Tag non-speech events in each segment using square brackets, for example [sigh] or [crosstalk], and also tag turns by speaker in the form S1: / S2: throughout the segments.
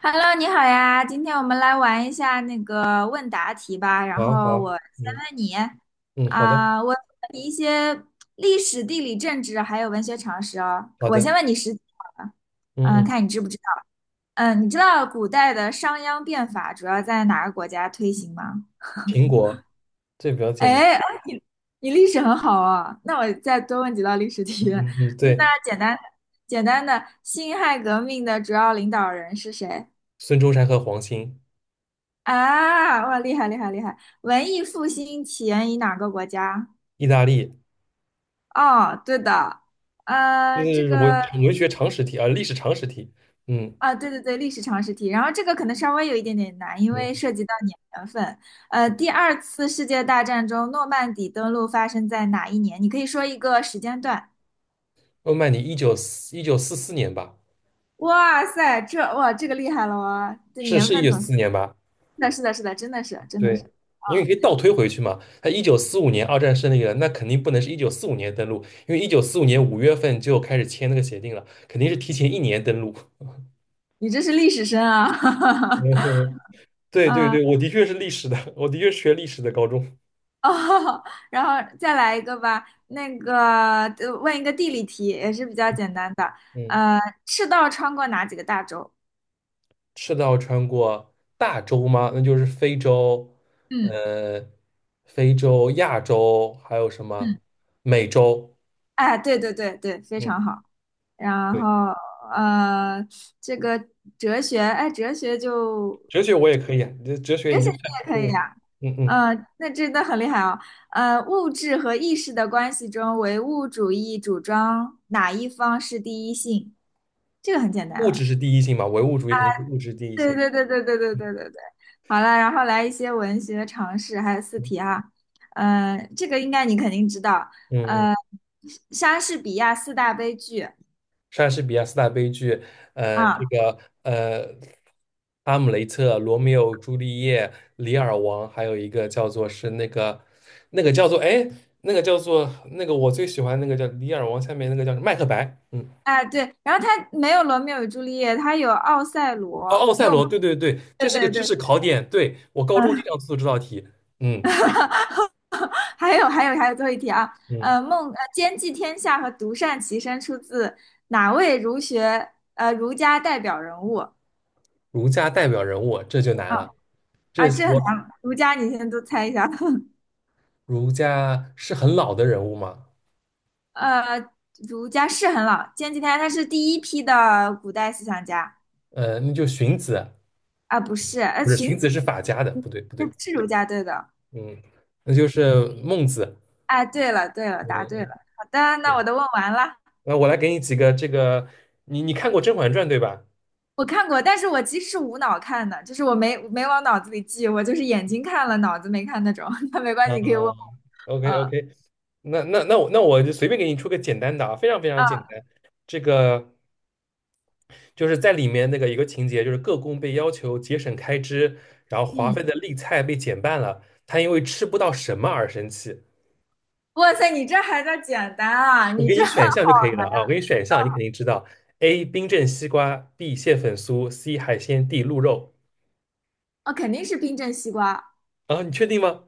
S1: Hello，你好呀，今天我们来玩一下那个问答题吧。然
S2: 好
S1: 后
S2: 好，
S1: 我先
S2: 嗯
S1: 问你，
S2: 嗯，好的
S1: 我问你一些历史、地理、政治还有文学常识哦。
S2: 好
S1: 我
S2: 的，
S1: 先问你实际好了，
S2: 嗯嗯，
S1: 看你知不知道。你知道古代的商鞅变法主要在哪个国家推行吗？
S2: 苹果，这比较简单。
S1: 哎，哎，你你历史很好哦，那我再多问几道历史
S2: 嗯
S1: 题。
S2: 嗯嗯，
S1: [laughs]
S2: 对，
S1: 那简单的，辛亥革命的主要领导人是谁？
S2: 孙中山和黄兴。
S1: 啊，哇，厉害厉害厉害！文艺复兴起源于哪个国家？
S2: 意大利。
S1: 哦，对的。
S2: 就
S1: 呃，这
S2: 是文
S1: 个
S2: 我学常识题啊，历史常识题。嗯
S1: 啊，对对对，历史常识题。然后这个可能稍微有一点点难，因为
S2: 嗯，
S1: 涉及到年份。第二次世界大战中，诺曼底登陆发生在哪一年？你可以说一个时间段。
S2: 欧曼尼一九四四年吧，
S1: 哇塞，这个厉害了哇！这
S2: 是
S1: 年
S2: 是一
S1: 份
S2: 九四
S1: 总是
S2: 四年吧？
S1: 的，是的，是的，真的是真的
S2: 对，
S1: 是，
S2: 因为可以倒推回去嘛，他一九四五年二战胜利了，那肯定不能是一九四五年登陆，因为一九四五年五月份就开始签那个协定了，肯定是提前一年登陆。[laughs]
S1: 你这是历史生啊！
S2: 嗯，
S1: [laughs]
S2: 对对
S1: 啊
S2: 对，我的确是历史的，我的确是学历史的高中。
S1: 哦，[laughs] 然后再来一个吧。那个，问一个地理题，也是比较简单的。
S2: 嗯，
S1: 呃，赤道穿过哪几个大洲？
S2: 赤道穿过大洲吗？那就是非洲，
S1: 嗯
S2: 呃，非洲、亚洲，还有什么
S1: 嗯，
S2: 美洲？
S1: 哎，对对对对，非
S2: 嗯，
S1: 常好。然
S2: 对，
S1: 后，呃，这个哲学，哎，哲学就
S2: 哲学我也可以啊，这哲学
S1: 哲
S2: 你
S1: 学
S2: 就
S1: 你
S2: 算
S1: 也可以啊。
S2: 嗯嗯，
S1: 那真的很厉害哦。物质和意识的关系中，唯物主义主张哪一方是第一性？这个很简单
S2: 物
S1: 啊。
S2: 质是第一性嘛，唯物主义肯定是物质第一
S1: 对
S2: 性。
S1: 对对对对对
S2: 嗯
S1: 对对对，好了，然后来一些文学常识，还有四
S2: 嗯
S1: 题啊。这个应该你肯定知道，
S2: 嗯嗯。
S1: 呃，莎士比亚四大悲剧。
S2: 莎士比亚四大悲剧，呃，这
S1: 啊，
S2: 个呃，《哈姆雷特》《罗密欧与朱丽叶》《李尔王》，还有一个叫做是那个，那个叫做哎，那个叫做那个我最喜欢那个叫《李尔王》，下面那个叫什么《麦克白》。嗯，
S1: 哎对，然后他没有罗密欧与朱丽叶，他有奥赛
S2: 哦，
S1: 罗，
S2: 《奥
S1: 因
S2: 赛
S1: 为我们
S2: 罗》，对对对，
S1: 对
S2: 这是个
S1: 对
S2: 知
S1: 对。
S2: 识考点，对，我高中经
S1: 嗯，
S2: 常做这道题。嗯
S1: [laughs] 还有还有还有最后一题啊，
S2: 嗯，
S1: 兼济天下和独善其身出自哪位儒家代表人物啊？
S2: 儒家代表人物这就难了，这
S1: 啊这很
S2: 我
S1: 难，儒家你先都猜一下。[laughs]
S2: 儒家是很老的人物吗？
S1: 呃，儒家是很老，前几天他是第一批的古代思想家。
S2: 那就荀子，
S1: 啊，不是，
S2: 不是
S1: 荀
S2: 荀子
S1: 子
S2: 是法家的，不对不
S1: 那
S2: 对。
S1: 不是儒家对的。
S2: 嗯，那就是孟子。
S1: 哎，对了对了，
S2: 嗯
S1: 答对了。
S2: 嗯，
S1: 好的，那我
S2: 对。
S1: 都问完了。
S2: 那我来给你几个这个，你你看过《甄嬛传》对吧？
S1: 我看过，但是我其实是无脑看的，就是我没往脑子里记，我就是眼睛看了，脑子没看那种。[laughs] 那没关
S2: 啊
S1: 系，你可以问我。
S2: ，OK
S1: 呃
S2: OK，那我就随便给你出个简单的啊，非常非常简
S1: 啊
S2: 单。这个就是在里面那个一个情节，就是各宫被要求节省开支，然后华
S1: 嗯，
S2: 妃的例菜被减半了，她因为吃不到什么而生气。
S1: 哇塞，你这还叫简单啊？
S2: 我
S1: 你
S2: 给
S1: 这
S2: 你选项
S1: [laughs]
S2: 就可以了啊，我给你选项，你肯定知道。A. 冰镇西瓜，B. 蟹粉酥，C. 海鲜，D. 鹿肉。
S1: 哦，肯定是冰镇西瓜。
S2: 啊，你确定吗？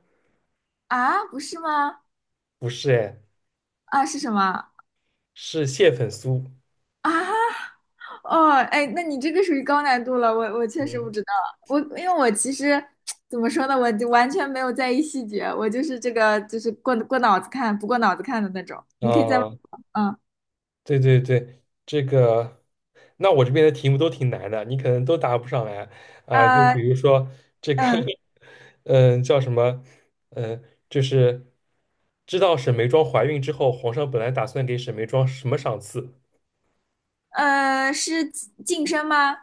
S1: 啊？不是吗？
S2: 不是哎，
S1: 啊，是什么
S2: 是蟹粉酥。
S1: 啊？哦，哎，那你这个属于高难度了，我确实不
S2: 嗯，
S1: 知道，我因为我其实 [tsk] 怎么说呢，我就完全没有在意细节，我就是这个就是过过脑子看，不过脑子看的那种。你可以再问
S2: 啊，
S1: 我。嗯，
S2: 对对对，这个，那我这边的题目都挺难的，你可能都答不上来啊。就
S1: 呃，
S2: 比如说这个，
S1: 嗯，
S2: [laughs] 嗯，叫什么？嗯，就是知道沈眉庄怀孕之后，皇上本来打算给沈眉庄什么赏赐？
S1: 是晋升吗？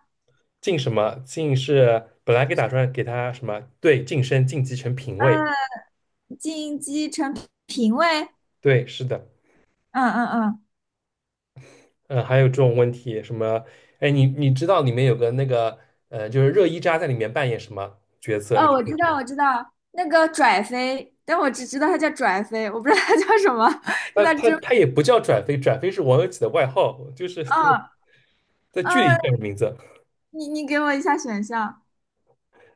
S2: 晋什么？晋是本来给打算给她什么？对，晋升晋级成嫔位。
S1: 嗯，晋级成评委？
S2: 对，是的。
S1: 嗯嗯嗯，
S2: 嗯，还有这种问题，什么？哎，你你知道里面有个那个，就是热依扎在里面扮演什么角色？你
S1: 哦，
S2: 觉
S1: 我
S2: 得
S1: 知
S2: 知
S1: 道
S2: 道？
S1: 我知道，那个拽飞，但我只知道它叫拽飞，我不知道它叫什么，[laughs] 就
S2: 他
S1: 在
S2: 他
S1: 真，
S2: 他也不叫转飞，转飞是王有几的外号，就是 [laughs] 他
S1: 嗯
S2: 们在剧
S1: 嗯。
S2: 里叫的名字。
S1: 你你给我一下选项。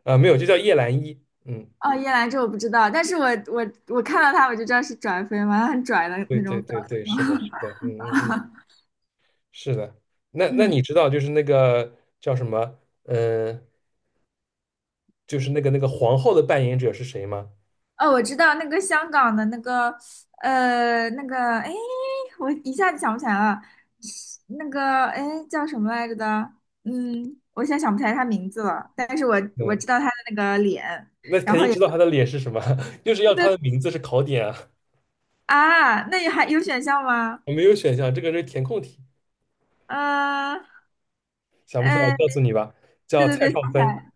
S2: 啊、没有，就叫叶澜依。嗯，
S1: 哦，叶兰这我不知道，但是我看到他我就知道是拽飞嘛，他很拽的
S2: 对
S1: 那
S2: 对
S1: 种表
S2: 对对，是的，
S1: 情。
S2: 是的，嗯嗯嗯，是的。那
S1: 嗯，
S2: 你知道就是那个叫什么？嗯、就是那个那个皇后的扮演者是谁吗？
S1: [laughs] 哦，我知道那个香港的那个，呃那个，哎，我一下子想不起来了，那个哎叫什么来着的？嗯，我现在想不起来他名字了，但是我我
S2: 嗯，
S1: 知道他的那个脸。
S2: 那肯定知道她的脸是什么，[laughs] 就是
S1: 对
S2: 要
S1: 对。
S2: 她的名字是考点啊。
S1: 啊，那你还有选项吗？
S2: 我没有选项，这个是填空题。
S1: 嗯、
S2: 想不出来，我
S1: 呃，
S2: 告诉你吧，
S1: 对
S2: 叫
S1: 对
S2: 蔡
S1: 对，
S2: 少
S1: 想起
S2: 芬。
S1: 来。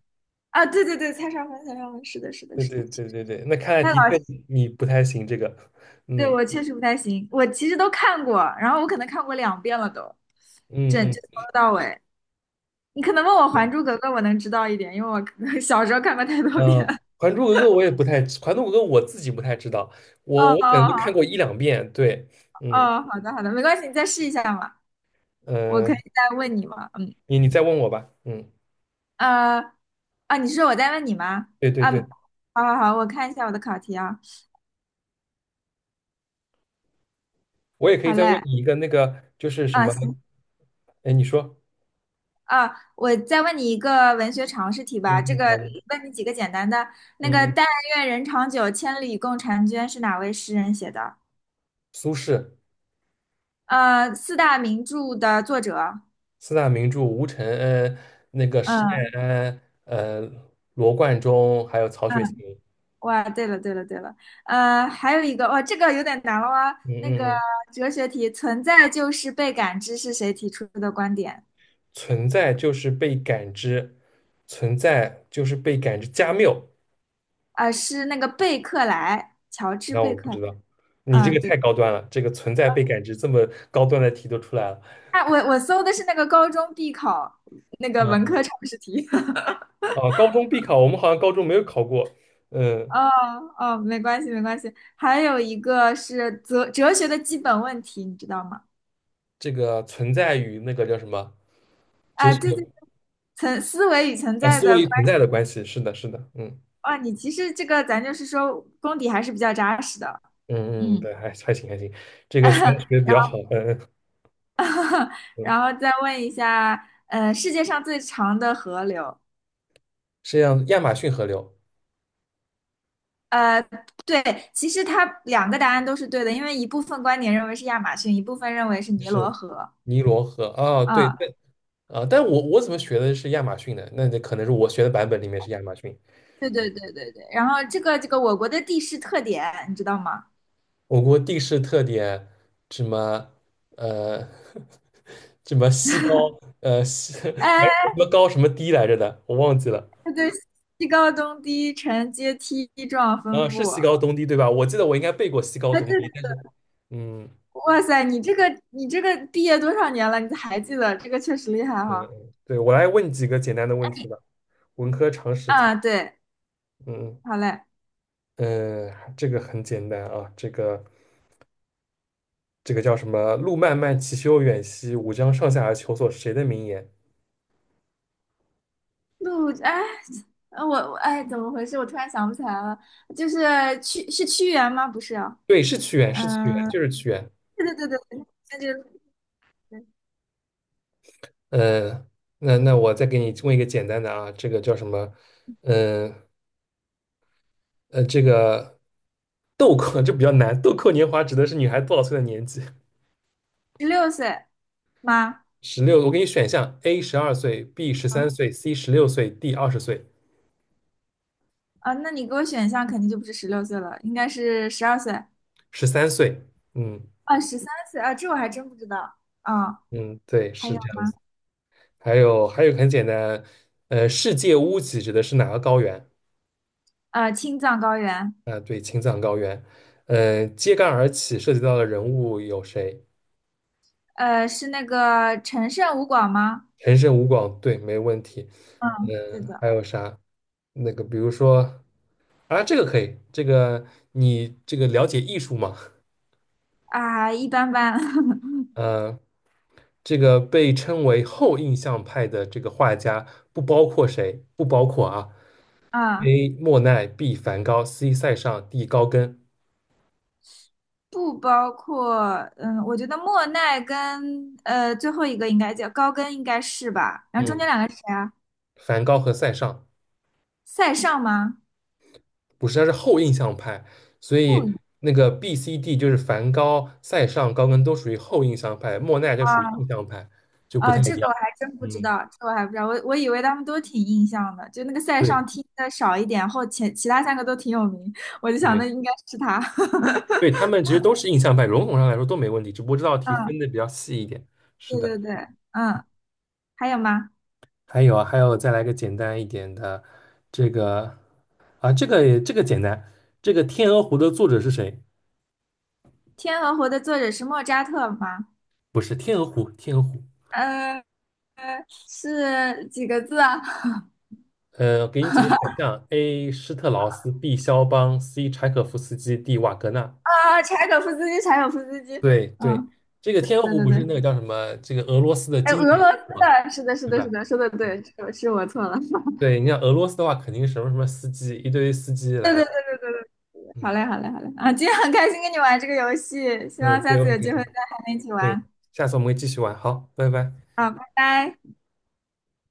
S1: 啊，对对对，蔡少芬，蔡少芬，是的，是的，
S2: 对
S1: 是的，
S2: 对
S1: 确
S2: 对
S1: 实
S2: 对对，那看来
S1: 他老
S2: 的确你不太行这个。
S1: 对，
S2: 嗯
S1: 我确实不太行，我其实都看过，然后我可能看过两遍了都，
S2: 嗯
S1: 整
S2: 嗯，
S1: 就从头到尾。你可能问我
S2: 对，
S1: 《还珠格格》，我能知道一点，因为我可能 [laughs] 小时候看过太多
S2: 呃，
S1: 遍了。
S2: 《还珠格格》我也不太，《还珠格格》我自己不太知道，
S1: 哦
S2: 我
S1: 哦
S2: 我可能就
S1: 哦，
S2: 看过一两遍，对。嗯
S1: 哦，好的好的，没关系，你再试一下嘛，我
S2: 呃，
S1: 可以再问你嘛。嗯，
S2: 你你再问我吧。嗯，
S1: 呃，啊，你是说我在问你吗？
S2: 对对
S1: 啊，
S2: 对，
S1: 好好好，我看一下我的考题啊。
S2: 我也可以
S1: 好
S2: 再问
S1: 嘞，
S2: 你一个那个就是什
S1: 啊，
S2: 么，
S1: 行。
S2: 哎，你说。
S1: 啊，我再问你一个文学常识题
S2: 嗯
S1: 吧，
S2: 嗯，好的。
S1: 问你几个简单的。那
S2: 嗯
S1: 个
S2: 嗯，
S1: “但愿人长久，千里共婵娟"是哪位诗人写的？
S2: 苏轼。
S1: 四大名著的作者。
S2: 四大名著吴承恩、那个施耐
S1: 嗯
S2: 庵、罗贯中，还有曹雪芹。
S1: 嗯，哇，对了对了对了。还有一个，哇，这个有点难了啊。
S2: 嗯
S1: 那个
S2: 嗯，嗯，
S1: 哲学题，存在就是被感知是谁提出的观点？
S2: 存在就是被感知，存在就是被感知。加缪，
S1: 啊，是那个贝克莱，乔治
S2: 那我
S1: 贝
S2: 不
S1: 克莱。
S2: 知道，你这个
S1: 嗯，对，
S2: 太高端了，这个存在被感知这么高端的题都出来了。
S1: 啊，我我搜的是那个高中必考那个文
S2: 嗯，
S1: 科常识题。[laughs]
S2: 啊，高中必考，我们好像高中没有考过。
S1: 哦
S2: 嗯，
S1: 哦，没关系没关系。还有一个是哲学的基本问题，你知道吗？
S2: 这个存在与那个叫什么哲
S1: 啊，
S2: 学
S1: 对
S2: 的
S1: 对，思维与存在
S2: 思
S1: 的
S2: 维与
S1: 关。
S2: 存在的关系，是的，是的。嗯
S1: 啊，你其实这个咱就是说功底还是比较扎实的。
S2: 嗯嗯，
S1: 嗯，
S2: 对，还行还行。这个学的学
S1: [laughs]
S2: 的比
S1: 然
S2: 较好。
S1: 后
S2: 嗯嗯嗯，
S1: 然后再问一下，世界上最长的河流。
S2: 是这样，亚马逊河流，
S1: 呃，对，其实它两个答案都是对的，因为一部分观点认为是亚马逊，一部分认为是尼罗
S2: 是
S1: 河。
S2: 尼罗河。啊，对
S1: 啊，
S2: 对，啊、但我怎么学的是亚马逊的？那可能是我学的版本里面是亚马逊。
S1: 对对对对对。然后这个我国的地势特点，你知道吗？
S2: 我国地势特点，什么，呃，[laughs] 什么西高，呃西，[laughs] 反
S1: 呃
S2: 正什么高什么低来着的，我忘记了。
S1: 它对西高东低沉阶梯状
S2: 啊、
S1: 分
S2: 是
S1: 布。
S2: 西高东低对吧？我记得我应该背过西高
S1: 哎，
S2: 东
S1: 对，
S2: 低，但是，嗯
S1: 哇塞，你这个毕业多少年了？你还记得这个确实厉害
S2: 嗯，
S1: 哈。
S2: 嗯，对，我来问你几个简单的问题吧，文科常识题。
S1: 啊，对，
S2: 嗯
S1: 好嘞。
S2: 嗯，呃，这个很简单啊，这个。这个叫什么“路漫漫其修远兮，吾将上下而求索”是谁的名言？
S1: 陆哎，呃我我哎，怎么回事？我突然想不起来了，就是屈原吗？不是啊，
S2: 对，是屈原，是屈原，
S1: 嗯、
S2: 就是屈原。
S1: 对对对对，那就
S2: 嗯，那我再给你问一个简单的啊，这个叫什么？嗯这个豆蔻就 [laughs] 比较难，豆蔻年华指的是女孩多少岁的年纪？
S1: 十六岁吗？
S2: 十六，我给你选项：A 十二岁，B 十三岁，C 十六岁，D 二十岁，
S1: 啊，那你给我选项肯定就不是十六岁了，应该是十二岁。
S2: 十三岁。嗯
S1: 啊，十三岁啊，这我还真不知道。啊，
S2: 嗯，对，
S1: 还
S2: 是
S1: 有。
S2: 这样的。还有，还有很简单，呃，世界屋脊指的是哪个高原？
S1: 青藏高原。
S2: 啊，对，青藏高原。呃，揭竿而起涉及到的人物有谁？
S1: 是那个陈胜吴广吗？
S2: 陈胜吴广，对，没问题。
S1: 嗯，是
S2: 嗯、
S1: 的。
S2: 还有啥？那个，比如说，啊，这个可以，这个你这个了解艺术吗？
S1: 啊，一般般。[laughs]
S2: 呃，这个被称为后印象派的这个画家，不包括谁？不包括啊
S1: 啊，
S2: ，A. 莫奈，B. 梵高，C. 塞尚，D. 高更。
S1: 不包括，嗯，我觉得莫奈跟最后一个应该叫高跟，应该是吧？然后中间
S2: 嗯，
S1: 两个是谁啊？
S2: 梵高和塞尚。
S1: 塞尚吗？
S2: 不是，它是后印象派，所
S1: 不
S2: 以
S1: 一样。
S2: 那个 B、C、D 就是梵高、塞尚、高更都属于后印象派，莫奈就
S1: 啊
S2: 属于印象派，就不太一
S1: 这个
S2: 样。
S1: 我还真不知
S2: 嗯，
S1: 道，这个我还不知道，我我以为他们都挺印象的，就那个塞尚
S2: 对
S1: 听的少一点，后前其他三个都挺有名，我就想那
S2: 对
S1: 应该是他。[laughs]
S2: 对，他们其实都是印象派，笼统上来说都没问题，只不过这道题分
S1: 嗯，
S2: 的比较细一点。是
S1: 对
S2: 的，
S1: 对对，嗯，还有吗？
S2: 还有啊，还有再来个简单一点的，这个啊，这个也这个简单，这个《天鹅湖》的作者是谁？
S1: 《天鹅湖》的作者是莫扎特吗？
S2: 不是《天鹅湖》，《天鹅湖》
S1: 嗯，是几个字啊？
S2: 呃，给你几个选项：A. 施特劳斯，B. 肖邦，C. 柴可夫斯基，D. 瓦格纳。
S1: 啊，柴可夫斯基，柴可夫斯基。
S2: 对对，
S1: 嗯，
S2: 这个《天鹅
S1: 对
S2: 湖》
S1: 对
S2: 不
S1: 对。
S2: 是那个叫什么？这个俄罗斯的
S1: 哎，
S2: 经
S1: 俄
S2: 典
S1: 罗斯
S2: 是吧？
S1: 的，是的，是
S2: 对
S1: 的，
S2: 吧？
S1: 是的，说的
S2: 嗯，
S1: 对，是是我错了。[laughs]
S2: 对，你像俄罗斯的话，肯定是什么什么司机，一堆司机
S1: 对
S2: 来
S1: 对对
S2: 了。
S1: 对对对。好
S2: 嗯
S1: 嘞，好嘞，好嘞。啊，今天很开心跟你玩这个游戏，希望
S2: 嗯，
S1: 下
S2: 对我
S1: 次
S2: 很
S1: 有
S2: 开
S1: 机会
S2: 心。
S1: 再和你一起
S2: 对，
S1: 玩。
S2: 下次我们会继续玩。好，拜拜。
S1: 好，拜拜。